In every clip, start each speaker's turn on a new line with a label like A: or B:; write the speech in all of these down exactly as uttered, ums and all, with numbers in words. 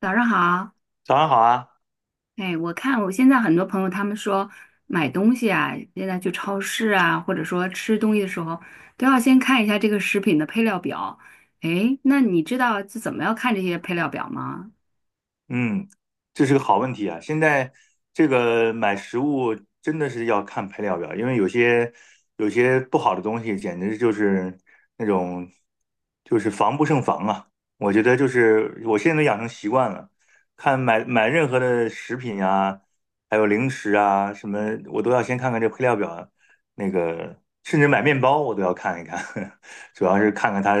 A: 早上好，
B: 早上好啊，
A: 哎，我看我现在很多朋友他们说买东西啊，现在去超市啊，或者说吃东西的时候，都要先看一下这个食品的配料表。哎，那你知道这怎么要看这些配料表吗？
B: 嗯，这是个好问题啊！现在这个买食物真的是要看配料表，因为有些有些不好的东西，简直就是那种就是防不胜防啊！我觉得就是我现在都养成习惯了，看买买任何的食品啊，还有零食啊什么，我都要先看看这配料表，那个甚至买面包我都要看一看，主要是看看它，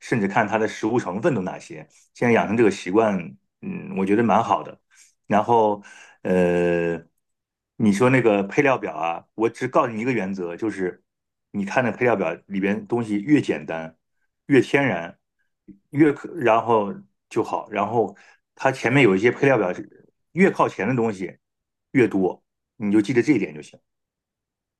B: 甚至看它的食物成分都哪些。现在养成这个习惯，嗯，我觉得蛮好的。然后，呃，你说那个配料表啊，我只告诉你一个原则，就是你看那配料表里边东西越简单、越天然、越可，然后就好。然后它前面有一些配料表是越靠前的东西越多，你就记得这一点就行。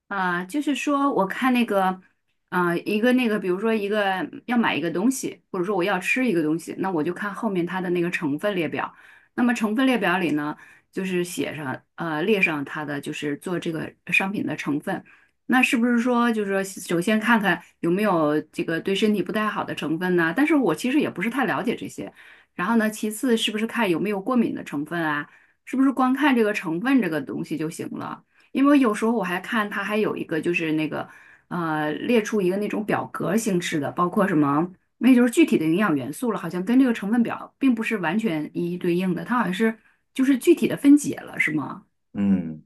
A: 啊，就是说，我看那个，啊、一个那个，比如说一个要买一个东西，或者说我要吃一个东西，那我就看后面它的那个成分列表。那么成分列表里呢，就是写上，呃，列上它的就是做这个商品的成分。那是不是说，就是说，首先看看有没有这个对身体不太好的成分呢？但是我其实也不是太了解这些。然后呢，其次是不是看有没有过敏的成分啊？是不是光看这个成分这个东西就行了？因为有时候我还看它还有一个就是那个呃列出一个那种表格形式的，包括什么，那就是具体的营养元素了，好像跟这个成分表并不是完全一一对应的，它好像是就是具体的分解了，是吗？
B: 嗯，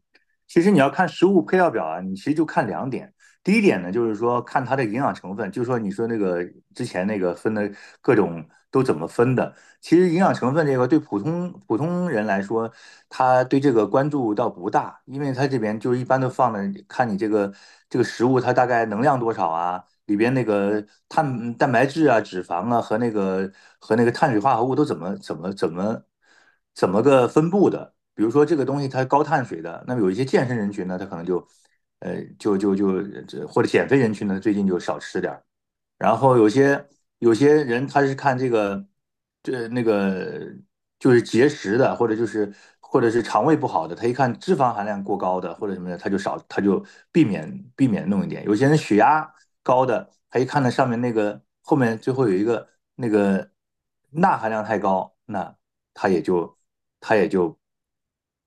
B: 其实你要看食物配料表啊，你其实就看两点。第一点呢，就是说看它的营养成分，就是说你说那个之前那个分的各种都怎么分的。其实营养成分这个对普通普通人来说，他对这个关注倒不大，因为他这边就是一般都放的，看你这个这个食物它大概能量多少啊，里边那个碳蛋白质啊、脂肪啊和那个和那个碳水化合物都怎么怎么怎么怎么个分布的。比如说这个东西它高碳水的，那么有一些健身人群呢，他可能就，呃，就就就或者减肥人群呢，最近就少吃点然后有些有些人他是看这个，这那个就是节食的，或者就是或者是肠胃不好的，他一看脂肪含量过高的或者什么的，他就少他就避免避免弄一点。有些人血压高的，他一看那上面那个后面最后有一个那个钠含量太高，那他也就他也就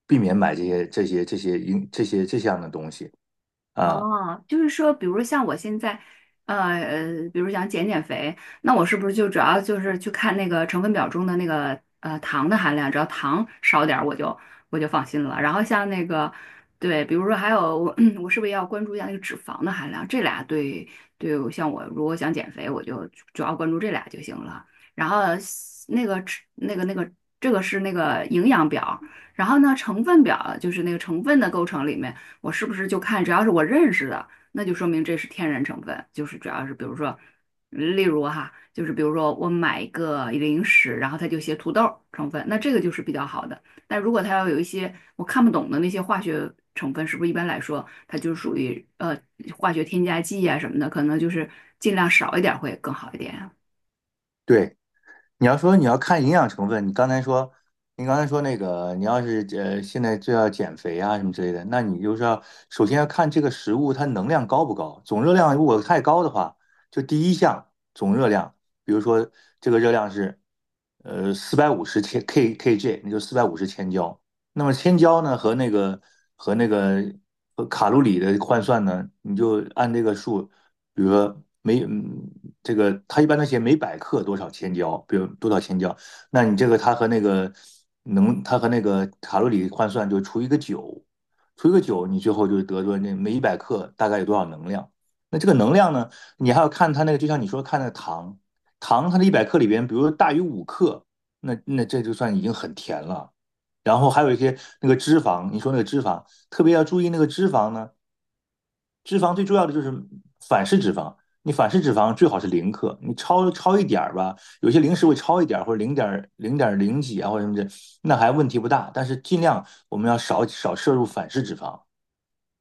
B: 避免买这些这些这些这些这些这样的东西啊。
A: 哦，就是说，比如像我现在，呃呃，比如想减减肥，那我是不是就主要就是去看那个成分表中的那个呃糖的含量，只要糖少点，我就我就放心了。然后像那个，对，比如说还有我，我是不是要关注一下那个脂肪的含量？这俩对对，像我如果想减肥，我就主要关注这俩就行了。然后那个脂那个那个这个是那个营养表，然后呢成分表就是那个成分的构成里面。我是不是就看只要是我认识的，那就说明这是天然成分，就是主要是比如说，例如哈，就是比如说我买一个零食，然后它就写土豆成分，那这个就是比较好的。但如果它要有一些我看不懂的那些化学成分，是不是一般来说它就属于呃化学添加剂啊什么的，可能就是尽量少一点会更好一点啊
B: 对，你要说你要看营养成分，你刚才说，你刚才说那个，你要是呃现在就要减肥啊什么之类的，那你就是要首先要看这个食物它能量高不高，总热量如果太高的话，就第一项总热量，比如说这个热量是呃四百五十千 K KJ，那就四百五十千焦。那么千焦呢和那个和那个和卡路里的换算呢，你就按这个数。比如说每嗯，这个它一般都写每百克多少千焦，比如多少千焦，那你这个它和那个能，它和那个卡路里换算就除一个九，除一个九，你最后就得出那每一百克大概有多少能量。那这个能量呢，你还要看它那个，就像你说看那个糖，糖它的一百克里边，比如说大于五克，那那这就算已经很甜了。然后还有一些那个脂肪，你说那个脂肪，特别要注意那个脂肪呢。脂肪最重要的就是反式脂肪，你反式脂肪最好是零克，你超超一点儿吧，有些零食会超一点儿或者零点零点零几啊或者什么的，那还问题不大。但是尽量我们要少少摄入反式脂肪。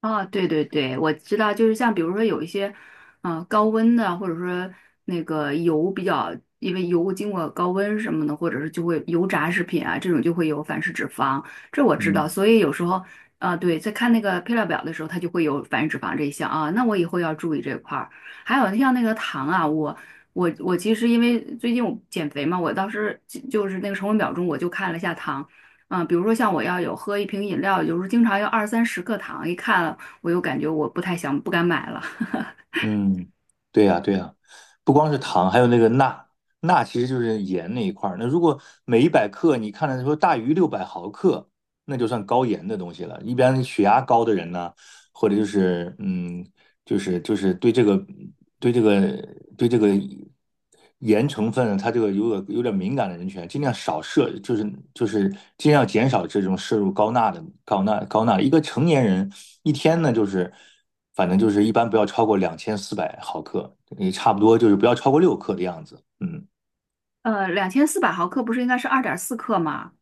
A: 啊，对对对，我知道，就是像比如说有一些，嗯、高温的，或者说那个油比较，因为油经过高温什么的，或者是就会油炸食品啊，这种就会有反式脂肪，这我知道。
B: 嗯
A: 所以有时候，啊、对，在看那个配料表的时候，它就会有反式脂肪这一项啊，那我以后要注意这块儿。还有像那个糖啊，我我我其实因为最近我减肥嘛，我当时就就是那个成分表中我就看了一下糖。嗯，比如说像我要有喝一瓶饮料，有时候经常要二三十克糖，一看我又感觉我不太想，不敢买了。
B: 嗯，对呀对呀，不光是糖，还有那个钠，钠其实就是盐那一块儿。那如果每一百克你看着说大于六百毫克，那就算高盐的东西了。一般血压高的人呢，或者就是嗯，就是就是对这个对这个对这个盐成分，它这个有点有点敏感的人群啊，尽量少摄，就是就是尽量减少这种摄入高钠的高钠高钠。一个成年人一天呢，就是反正就是一般不要超过两千四百毫克，也差不多就是不要超过六克的样子。嗯，
A: 呃，两千四百毫克不是应该是二点四克吗？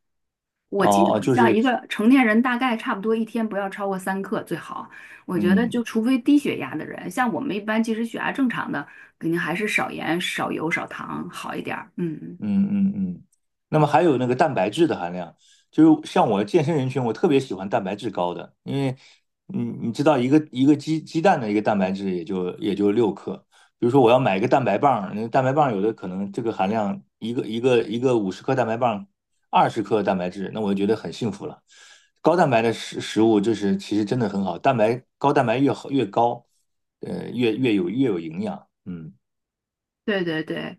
A: 我记得
B: 哦哦，
A: 好
B: 就
A: 像
B: 是
A: 一个成年人大概差不多一天不要超过三克最好。我觉得就
B: 嗯。
A: 除非低血压的人，像我们一般其实血压正常的，肯定还是少盐、少油、少糖好一点儿。嗯，
B: 嗯嗯嗯，那么还有那个蛋白质的含量，就是像我健身人群，我特别喜欢蛋白质高的，因为你你知道一个一个鸡鸡蛋的一个蛋白质也就也就六克，比如说我要买一个蛋白棒，那个蛋白棒有的可能这个含量一个一个一个五十克蛋白棒，二十克蛋白质，那我就觉得很幸福了。高蛋白的食食物就是其实真的很好，蛋白高蛋白越好越高，呃越越有越有营养，嗯
A: 对对对。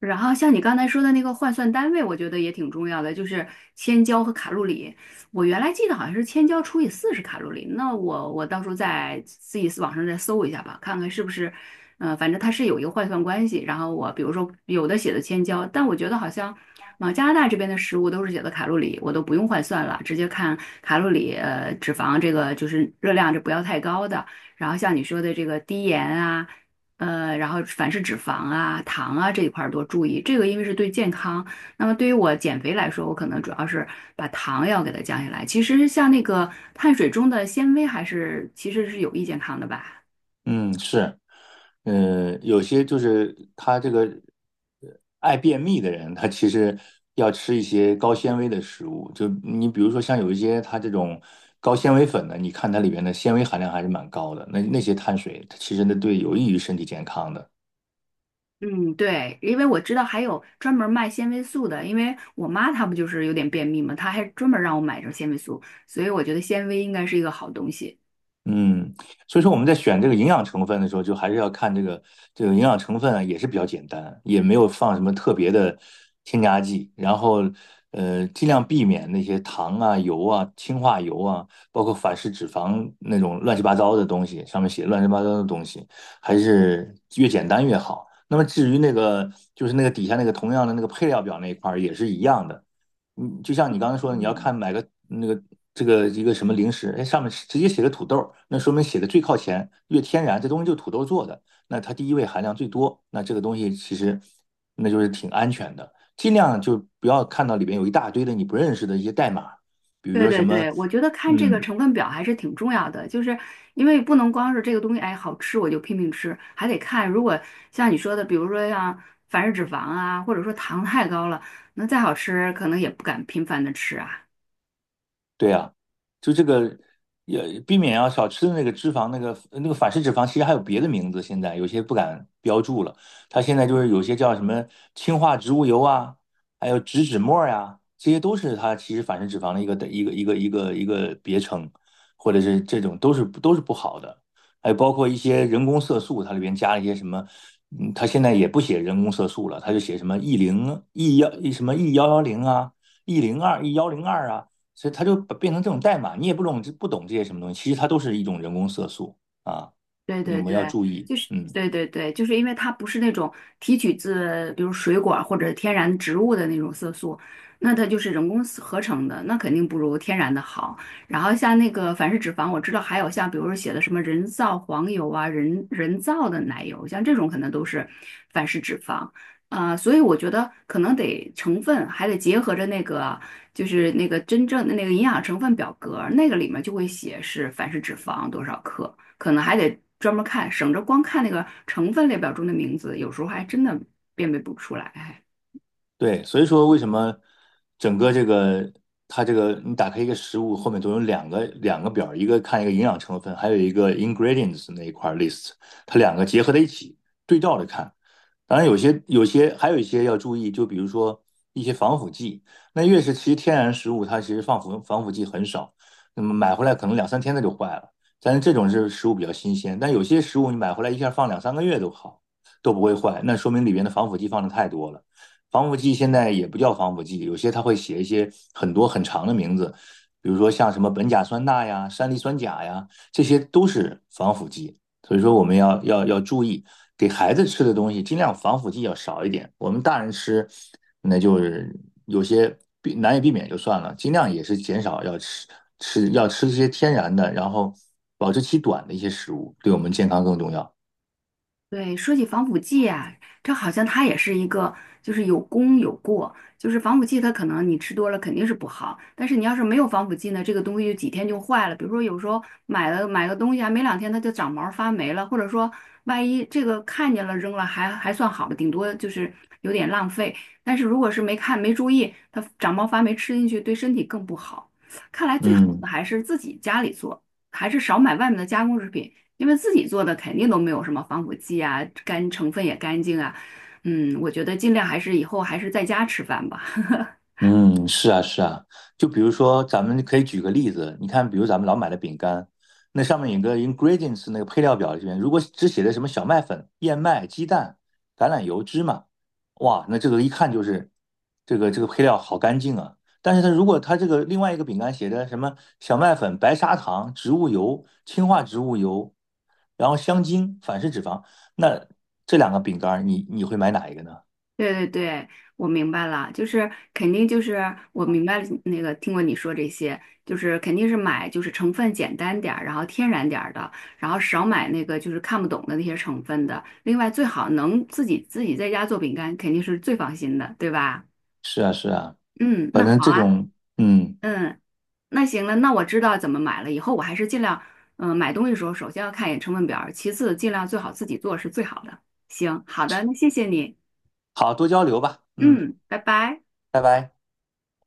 A: 然后像你刚才说的那个换算单位，我觉得也挺重要的，就是千焦和卡路里。我原来记得好像是千焦除以四十卡路里，那我我到时候再自己网上再搜一下吧，看看是不是，呃，反正它是有一个换算关系。然后我比如说有的写的千焦，但我觉得好像往加拿大这边的食物都是写的卡路里，我都不用换算了，直接看卡路里，呃，脂肪这个就是热量，这不要太高的。然后像你说的这个低盐啊。呃，然后凡是脂肪啊、糖啊这一块儿多注意，这个因为是对健康。那么对于我减肥来说，我可能主要是把糖要给它降下来。其实像那个碳水中的纤维还是其实是有益健康的吧。
B: 嗯是。嗯，有些就是他这个呃爱便秘的人，他其实要吃一些高纤维的食物。就你比如说像有一些他这种高纤维粉的，你看它里面的纤维含量还是蛮高的，那那些碳水它其实那对有益于身体健康的。
A: 嗯，对，因为我知道还有专门卖纤维素的，因为我妈她不就是有点便秘嘛，她还专门让我买这个纤维素，所以我觉得纤维应该是一个好东西。
B: 嗯，所以说我们在选这个营养成分的时候，就还是要看这个这个营养成分啊，也是比较简单，也没有放什么特别的添加剂，然后呃，尽量避免那些糖啊、油啊、氢化油啊，包括反式脂肪那种乱七八糟的东西，上面写乱七八糟的东西，还是越简单越好。那么至于那个就是那个底下那个同样的那个配料表那一块儿也是一样的。嗯，就像你刚才说的，你要
A: 嗯。
B: 看买个那个这个一个什么零食，哎，上面直接写个土豆那说明写的最靠前，越天然，这东西就土豆做的，那它第一位含量最多，那这个东西其实那就是挺安全的，尽量就不要看到里边有一大堆的你不认识的一些代码，比如
A: 对
B: 说什
A: 对
B: 么，
A: 对，我觉得看这个
B: 嗯，
A: 成分表还是挺重要的，就是因为不能光是这个东西，哎，好吃我就拼命吃，还得看如果像你说的，比如说像反式脂肪啊，或者说糖太高了，那再好吃可能也不敢频繁的吃啊。
B: 对呀，就这个也避免要少吃的那个脂肪，那个那个反式脂肪，其实还有别的名字，现在有些不敢标注了。它现在就是有些叫什么氢化植物油啊，还有植脂末呀、这些都是它其实反式脂肪的一个一个一个一个一个别称，或者是这种都是都是不好的。还有包括一些人工色素，它里边加了一些什么，嗯，它现在也不写人工色素了，它就写什么 E 零 E 幺什么 E 幺幺零啊。E 零二、E 幺零二啊所以它就把变成这种代码，你也不懂不懂这些什么东西，其实它都是一种人工色素啊，
A: 对
B: 你
A: 对
B: 们要
A: 对，
B: 注意，
A: 就是
B: 嗯。
A: 对对对，就是因为它不是那种提取自比如水果儿或者天然植物的那种色素，那它就是人工合成的，那肯定不如天然的好。然后像那个反式脂肪，我知道还有像比如说写的什么人造黄油啊、人人造的奶油，像这种可能都是反式脂肪。啊、所以我觉得可能得成分还得结合着那个，就是那个真正的那个营养成分表格儿那个里面就会写是反式脂肪多少克，可能还得专门看，省着光看那个成分列表中的名字，有时候还真的辨别不出来。哎
B: 对，所以说为什么整个这个它这个你打开一个食物后面都有两个两个表儿一个看一个营养成分，还有一个 ingredients 那一块儿 list，它两个结合在一起对照着看。当然有些有些还有一些要注意，就比如说一些防腐剂，那越是其实天然食物它其实防腐防腐剂很少，那么买回来可能两三天它就坏了。但是这种是食物比较新鲜，但有些食物你买回来一下放两三个月都好，都不会坏，那说明里边的防腐剂放的太多了。防腐剂现在也不叫防腐剂，有些它会写一些很多很长的名字，比如说像什么苯甲酸钠呀、山梨酸钾呀，这些都是防腐剂。所以说我们要要要注意，给孩子吃的东西尽量防腐剂要少一点。我们大人吃，那就是有些避难以避免就算了，尽量也是减少要吃吃要吃一些天然的，然后保质期短的一些食物，对我们健康更重要。
A: 对，说起防腐剂啊，这好像它也是一个，就是有功有过。就是防腐剂，它可能你吃多了肯定是不好，但是你要是没有防腐剂呢，这个东西就几天就坏了。比如说有时候买了买个东西啊，没两天它就长毛发霉了，或者说万一这个看见了扔了还还算好的，顶多就是有点浪费。但是如果是没看没注意，它长毛发霉吃进去对身体更不好。看来最好
B: 嗯。
A: 的还是自己家里做，还是少买外面的加工食品。因为自己做的肯定都没有什么防腐剂啊，干成分也干净啊。嗯，我觉得尽量还是以后还是在家吃饭吧。
B: 嗯，是啊，是啊，就比如说，咱们可以举个例子，你看，比如咱们老买的饼干，那上面有个 ingredients 那个配料表里面，如果只写的什么小麦粉、燕麦、鸡蛋、橄榄油、芝麻，哇，那这个一看就是这个这个配料好干净啊。但是它如果它这个另外一个饼干写的什么小麦粉、白砂糖、植物油、氢化植物油，然后香精、反式脂肪，那这两个饼干儿你你会买哪一个呢？
A: 对对对，我明白了，就是肯定就是我明白了那个听过你说这些，就是肯定是买就是成分简单点儿，然后天然点儿的，然后少买那个就是看不懂的那些成分的。另外最好能自己自己在家做饼干，肯定是最放心的，对吧？
B: 是啊，是啊，
A: 嗯，
B: 反
A: 那
B: 正
A: 好
B: 这
A: 啊，
B: 种嗯。
A: 嗯。那行了，那我知道怎么买了。以后我还是尽量，嗯、买东西的时候首先要看一眼成分表儿其次尽量最好自己做是最好的。行，好的，那谢谢你，
B: 好，多交流吧。嗯，
A: 嗯，拜拜。
B: 拜拜。